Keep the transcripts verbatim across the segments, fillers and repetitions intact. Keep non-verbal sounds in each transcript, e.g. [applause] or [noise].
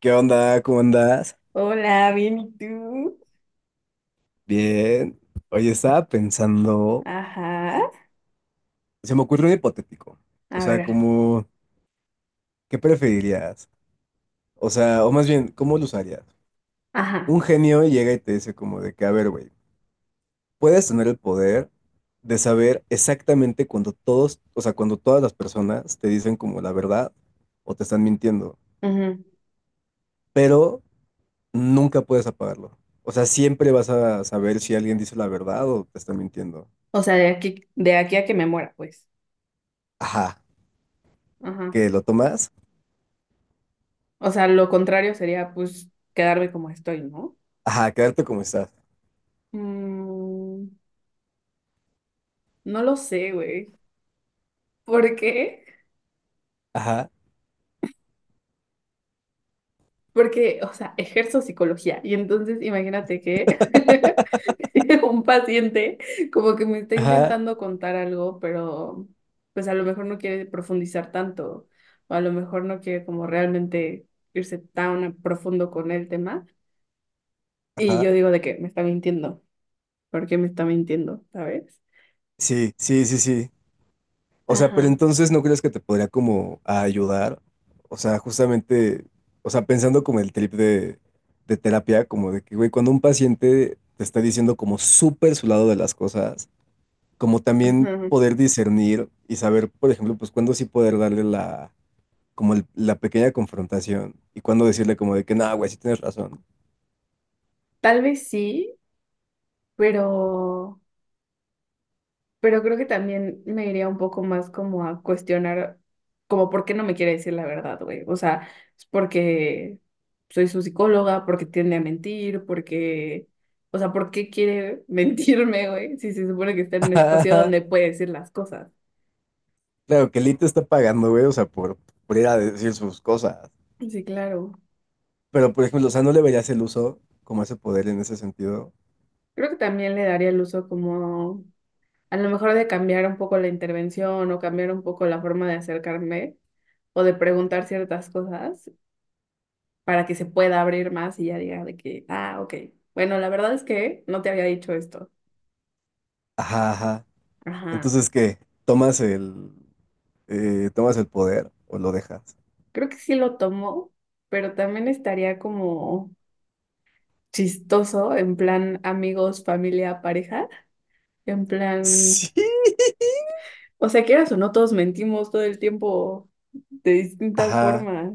¿Qué onda? ¿Cómo andas? Hola, bien, ¿y tú? Bien. Oye, estaba pensando, Ajá, se me ocurrió un hipotético. O a sea, ver, como, ¿qué preferirías? O sea, o más bien, ¿cómo lo usarías? ajá, Un genio llega y te dice como de que, a ver, güey, puedes tener el poder de saber exactamente cuando todos, o sea, cuando todas las personas te dicen como la verdad o te están mintiendo, ujú. pero nunca puedes apagarlo. O sea, siempre vas a saber si alguien dice la verdad o te está mintiendo. O sea, de aquí, de aquí a que me muera, pues. Ajá, Ajá. ¿que lo tomas? O sea, lo contrario sería, pues, quedarme como estoy, ¿no? Ajá, quedarte como estás. Mm, no lo sé, güey. ¿Por qué? Ajá, Porque, o sea, ejerzo psicología y entonces imagínate que [laughs] un paciente como que me está ajá, intentando contar algo, pero pues a lo mejor no quiere profundizar tanto o a lo mejor no quiere como realmente irse tan a profundo con el tema. Y yo ajá. digo de que me está mintiendo, ¿por qué me está mintiendo? ¿Sabes? Sí, sí, sí, sí. O sea, pero Ajá, entonces no crees que te podría como ayudar. O sea, justamente, o sea, pensando como el trip de, de terapia, como de que, güey, cuando un paciente te está diciendo como súper su lado de las cosas, como también ajá. poder discernir y saber, por ejemplo, pues cuándo sí poder darle la, como el- la pequeña confrontación y cuándo decirle como de que, no, güey, sí tienes razón. Tal vez sí, pero... Pero creo que también me iría un poco más como a cuestionar, como por qué no me quiere decir la verdad, güey. O sea, es porque soy su psicóloga, porque tiende a mentir, porque, o sea, ¿por qué quiere [laughs] mentirme, güey? Si se supone que está en un espacio [laughs] donde puede decir las cosas. Claro, que Lee está pagando, güey, o sea, por, por ir a decir sus cosas. Sí, claro. Pero, por ejemplo, o sea, no le verías el uso como ese poder en ese sentido. Creo que también le daría el uso como, a lo mejor de cambiar un poco la intervención o cambiar un poco la forma de acercarme o de preguntar ciertas cosas para que se pueda abrir más y ya diga de que, ah, ok. Bueno, la verdad es que no te había dicho esto. Ajá, ajá. Ajá. Entonces, ¿qué? ¿Tomas el, eh, tomas el poder o lo dejas? Creo que sí lo tomó, pero también estaría como chistoso, en plan amigos, familia, pareja, en plan, Sí. o sea, quieras o no, todos mentimos todo el tiempo de distintas Ajá, formas.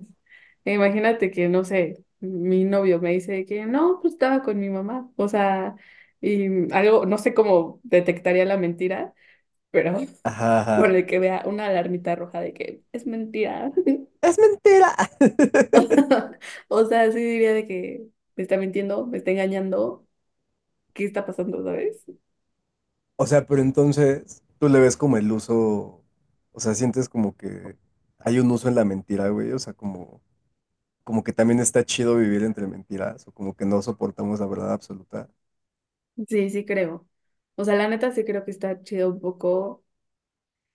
E imagínate que, no sé, mi novio me dice que no, pues estaba con mi mamá, o sea, y algo, no sé cómo detectaría la mentira, pero ajá, con ajá. el que vea una alarmita roja de que es mentira. [laughs] Es mentira. O [laughs] sea, o sea, sí diría de que me está mintiendo, me está engañando, ¿qué está pasando, sabes? O sea, pero entonces tú le ves como el uso, o sea, sientes como que hay un uso en la mentira, güey, o sea, como, como que también está chido vivir entre mentiras, o como que no soportamos la verdad absoluta. Sí, sí creo. O sea, la neta sí creo que está chido un poco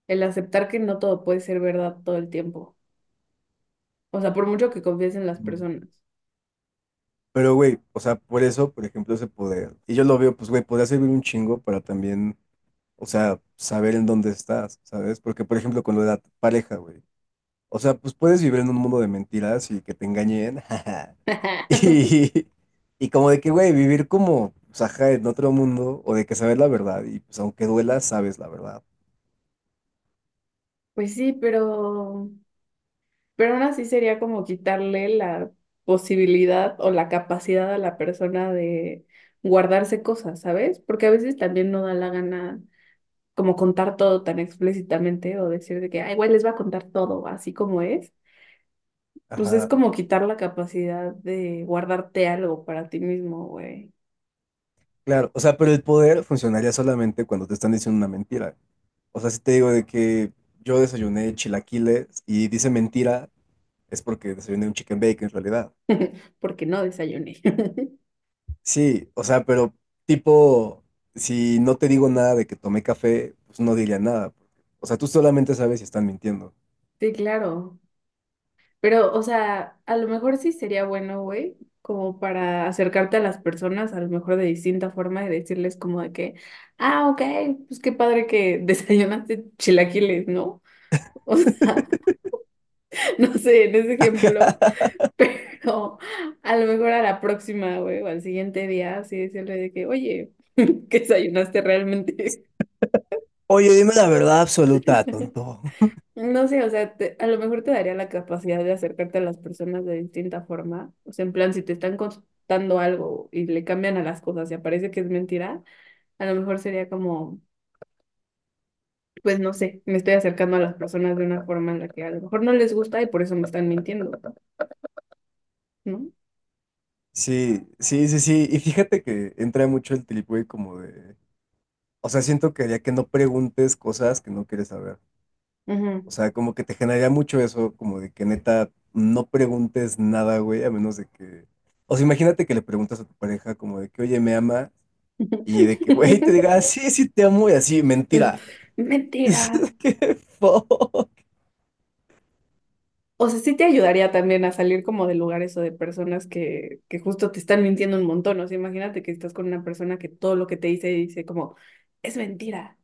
el aceptar que no todo puede ser verdad todo el tiempo. O sea, por mucho que confíes en las Mm. personas. Pero, güey, o sea, por eso, por ejemplo, ese poder. Y yo lo veo, pues, güey, podría servir un chingo para también, o sea, saber en dónde estás, ¿sabes? Porque, por ejemplo, con lo de la pareja, güey. O sea, pues puedes vivir en un mundo de mentiras y que te engañen. [laughs] jaja. [laughs] Y, y como de que, güey, vivir como, pues, ajá, en otro mundo, o de que saber la verdad, y pues aunque duela, sabes la verdad. Pues sí, pero Pero aún así sería como quitarle la posibilidad o la capacidad a la persona de guardarse cosas, ¿sabes? Porque a veces también no da la gana como contar todo tan explícitamente o decir de que, ay, güey, les va a contar todo así como es. Pues es Ajá, como quitar la capacidad de guardarte algo para ti mismo, güey. claro. O sea, pero el poder funcionaría solamente cuando te están diciendo una mentira. O sea, si te digo de que yo desayuné chilaquiles y dice mentira, es porque desayuné un chicken bake en realidad. [laughs] Porque no desayuné. [laughs] Sí, o sea, pero tipo, si no te digo nada de que tomé café, pues no diría nada. O sea, tú solamente sabes si están mintiendo. Sí, claro. Pero, o sea, a lo mejor sí sería bueno, güey, como para acercarte a las personas, a lo mejor de distinta forma y decirles como de que, ah, ok, pues qué padre que [laughs] desayunaste chilaquiles, ¿no? O sea, [laughs] no sé, en ese ejemplo, [laughs] [laughs] pero a lo mejor a la próxima, güey, o al siguiente día, así decirle de que, oye, [laughs] ¿qué desayunaste realmente? Oye, dime la verdad absoluta, [laughs] tonto. No sé, o sea, te- a lo mejor te daría la capacidad de acercarte a las personas de distinta forma. O sea, en plan, si te están contando algo y le cambian a las cosas y aparece que es mentira, a lo mejor sería como, pues no sé, me estoy acercando a las personas de una forma en la que a lo mejor no les gusta y por eso me están mintiendo, ¿no? Sí, sí, sí, sí. Y fíjate que entra mucho el trip, güey, como de... O sea, siento que ya que no preguntes cosas que no quieres saber. O Ujú. sea, como que te generaría mucho eso, como de que neta no preguntes nada, güey, a menos de que. O sea, imagínate que le preguntas a tu pareja como de que, oye, me ama, y de que, güey, te [laughs] diga, "Ah, sí, sí te amo, y así, mentira. Mentira. [laughs] ¡Qué fo! O sea, sí te ayudaría también a salir como de lugares o de personas que, que justo te están mintiendo un montón. O sea, imagínate que estás con una persona que todo lo que te dice dice como, es mentira.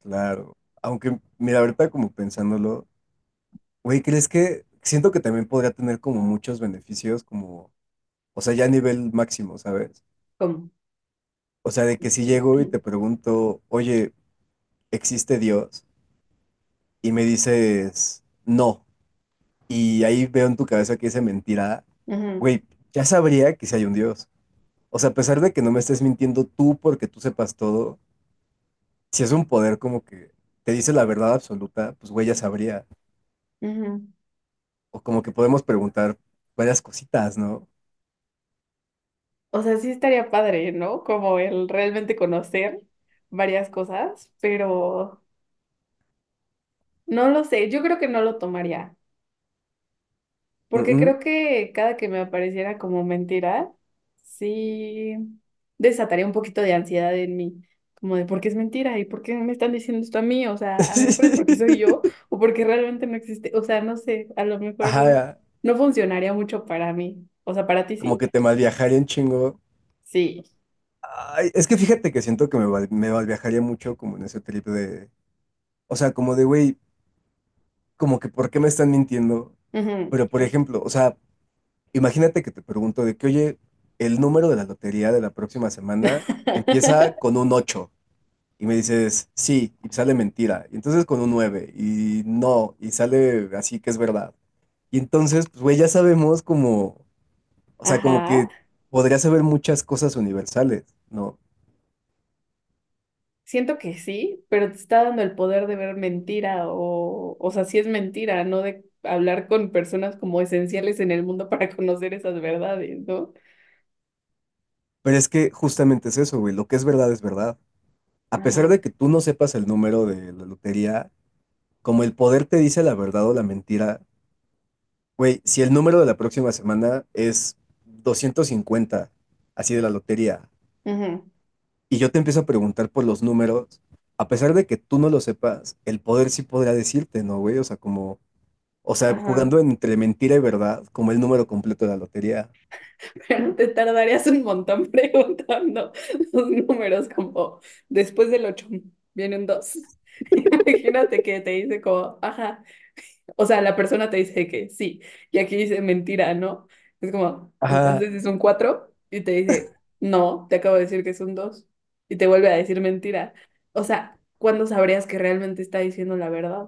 Claro. Aunque, mira, ahorita como pensándolo, güey, ¿crees que siento que también podría tener como muchos beneficios, como, o sea, ya a nivel máximo, ¿sabes? Como, O sea, de que si llego y te [clears throat] pregunto, oye, ¿existe Dios? Y me dices, no. Y ahí veo en tu cabeza que esa mentira, "Ujú, güey, ya sabría que si hay un Dios. O sea, a pesar de que no me estés mintiendo tú porque tú sepas todo, si es un poder como que te dice la verdad absoluta, pues güey, ya sabría. ujú". O como que podemos preguntar varias cositas, ¿no? O sea, sí estaría padre, ¿no? Como el realmente conocer varias cosas, pero no lo sé. Yo creo que no lo tomaría. Mm, Porque mm. creo que cada que me apareciera como mentira, sí desataría un poquito de ansiedad en mí, como de por qué es mentira y por qué me están diciendo esto a mí, o sea, a lo mejor es porque soy yo [laughs] o porque realmente no existe, o sea, no sé, a lo mejor Ajá, no funcionaría mucho para mí, o sea, para ti como sí, que te malviajaría un chingo. sí, Ay, es que fíjate que siento que me, val- me malviajaría mucho como en ese trip de, o sea, como de, güey, como que ¿por qué me están mintiendo? ujú, Pero por justo. ejemplo, o sea, imagínate que te pregunto de que, oye, el número de la lotería de la próxima semana empieza [laughs] con un ocho y me dices, sí, y sale mentira, y entonces con un nueve y no, y sale así que es verdad. Y entonces, pues, güey, ya sabemos como, o sea, como Ajá. que podrías saber muchas cosas universales, ¿no? Siento que sí, pero te está dando el poder de ver mentira o, o sea, si es mentira, no de hablar con personas como esenciales en el mundo para [laughs] conocer esas verdades, ¿no? Pero es que justamente es eso, güey, lo que es verdad es verdad. A pesar Ajá, de que tú no sepas el número de la lotería, como el poder te dice la verdad o la mentira. Güey, si el número de la próxima semana es doscientos cincuenta, así de la lotería, ajá, y yo te empiezo a preguntar por los números, a pesar de que tú no lo sepas, el poder sí podrá decirte, ¿no, güey? O sea, como, o sea, ajá. jugando entre mentira y verdad, como el número completo de la lotería. Pero [laughs] te tardarías un montón [laughs] preguntando los números como después del ocho viene un dos. [laughs] Imagínate que te dice como, ajá, o sea, la persona te dice que sí, y aquí dice mentira, ¿no? Es como, Ajá, entonces es un cuatro y te dice, no, te acabo de decir que es un dos y te vuelve a decir mentira. O sea, ¿cuándo sabrías que realmente está diciendo la verdad?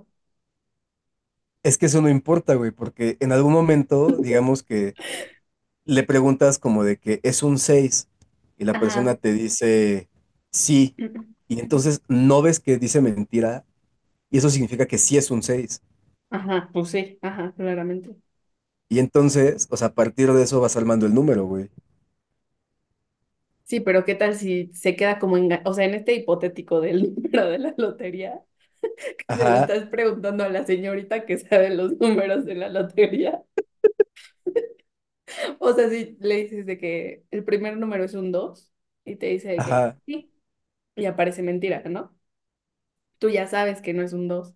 es que eso no importa, güey, porque en algún momento, digamos que le preguntas como de que es un seis y la persona Ajá. te dice sí, y entonces no ves que dice mentira. Y eso significa que sí es un seis. Ajá, pues sí, ajá, claramente. Y entonces, o sea, a partir de eso vas armando el número, güey. Sí, pero ¿qué tal si se queda como enga- o sea, en este hipotético del [laughs] número de la lotería, que se lo Ajá, estás preguntando a la señorita que sabe los números de la lotería. O sea, si le dices de que el primer número es un dos y te dice de que ajá, sí, y aparece mentira, ¿no? Tú ya sabes que no es un dos,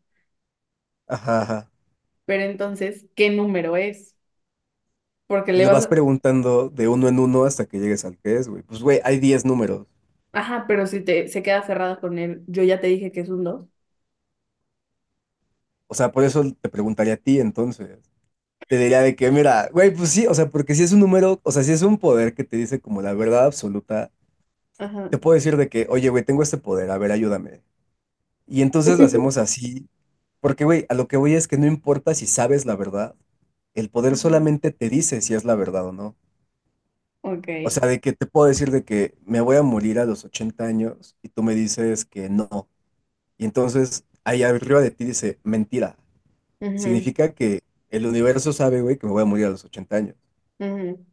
ajá, ajá. pero entonces, ¿qué número es? Porque le Le vas vas a... preguntando de uno en uno hasta que llegues al que es, güey. Pues, güey, hay diez números. Ajá, pero si te se queda cerrada con él, yo ya te dije que es un dos. O sea, por eso te preguntaría a ti entonces. Te diría de que, mira, güey, pues sí, o sea, porque si es un número, o sea, si es un poder que te dice como la verdad absoluta, Ajá. te puedo decir de que, oye, güey, tengo este poder, a ver, ayúdame. Y entonces lo hacemos [laughs] así, porque, güey, a lo que voy es que no importa si sabes la verdad, el poder Ajá. solamente te dice si es la verdad o no. Ok. O sea, de que te puedo decir de que me voy a morir a los ochenta años y tú me dices que no. Y entonces ahí arriba de ti dice, mentira. Ujú, Significa que el universo sabe, güey, que me voy a morir a los ochenta años. ujú.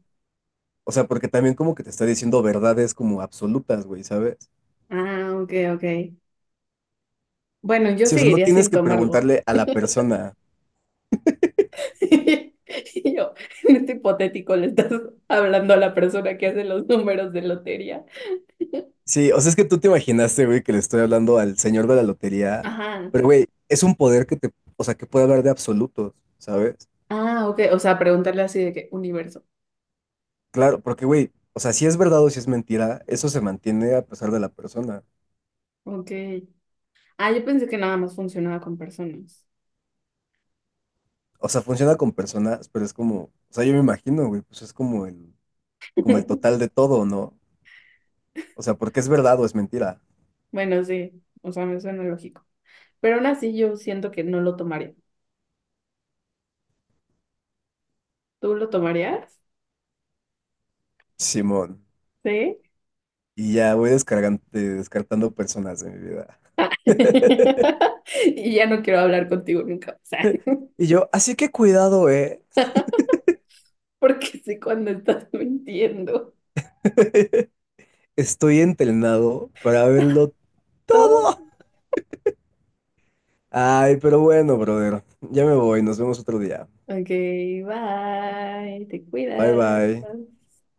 O sea, porque también como que te está diciendo verdades como absolutas, güey, ¿sabes? Ah, ok, ok. Bueno, yo Sí, o sea, no seguiría tienes sin que tomarlo. preguntarle a la persona. [laughs] Y yo, en este hipotético, le estás hablando a la persona que hace los números de lotería. Sí, o sea, es que tú te imaginaste, güey, que le estoy hablando al señor de la lotería, Ajá. pero, güey, es un poder que te, o sea, que puede hablar de absolutos, ¿sabes? Ah, ok. O sea, preguntarle así de que universo. Claro, porque, güey, o sea, si es verdad o si es mentira, eso se mantiene a pesar de la persona. Ok. Ah, yo pensé que nada más funcionaba con personas. O sea, funciona con personas, pero es como, o sea, yo me imagino, güey, pues es como el, como el total de [laughs] todo, ¿no? O sea, porque es verdad o es mentira. Bueno, sí. O sea, me suena lógico. Pero aún así yo siento que no lo tomaría. ¿Tú lo tomarías? Simón. Sí. Y ya voy descargando, descartando personas de mi vida. Ah. [laughs] [laughs] Y ya no quiero hablar contigo nunca. O sea, [laughs] Y yo, así que cuidado, eh. porque sé cuando estás mintiendo. [laughs] Estoy entrenado para verlo Todo. todo. Ay, pero bueno, brother. Ya me voy. Nos vemos otro día. Ok, bye. Te Bye cuidas. bye.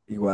Igual.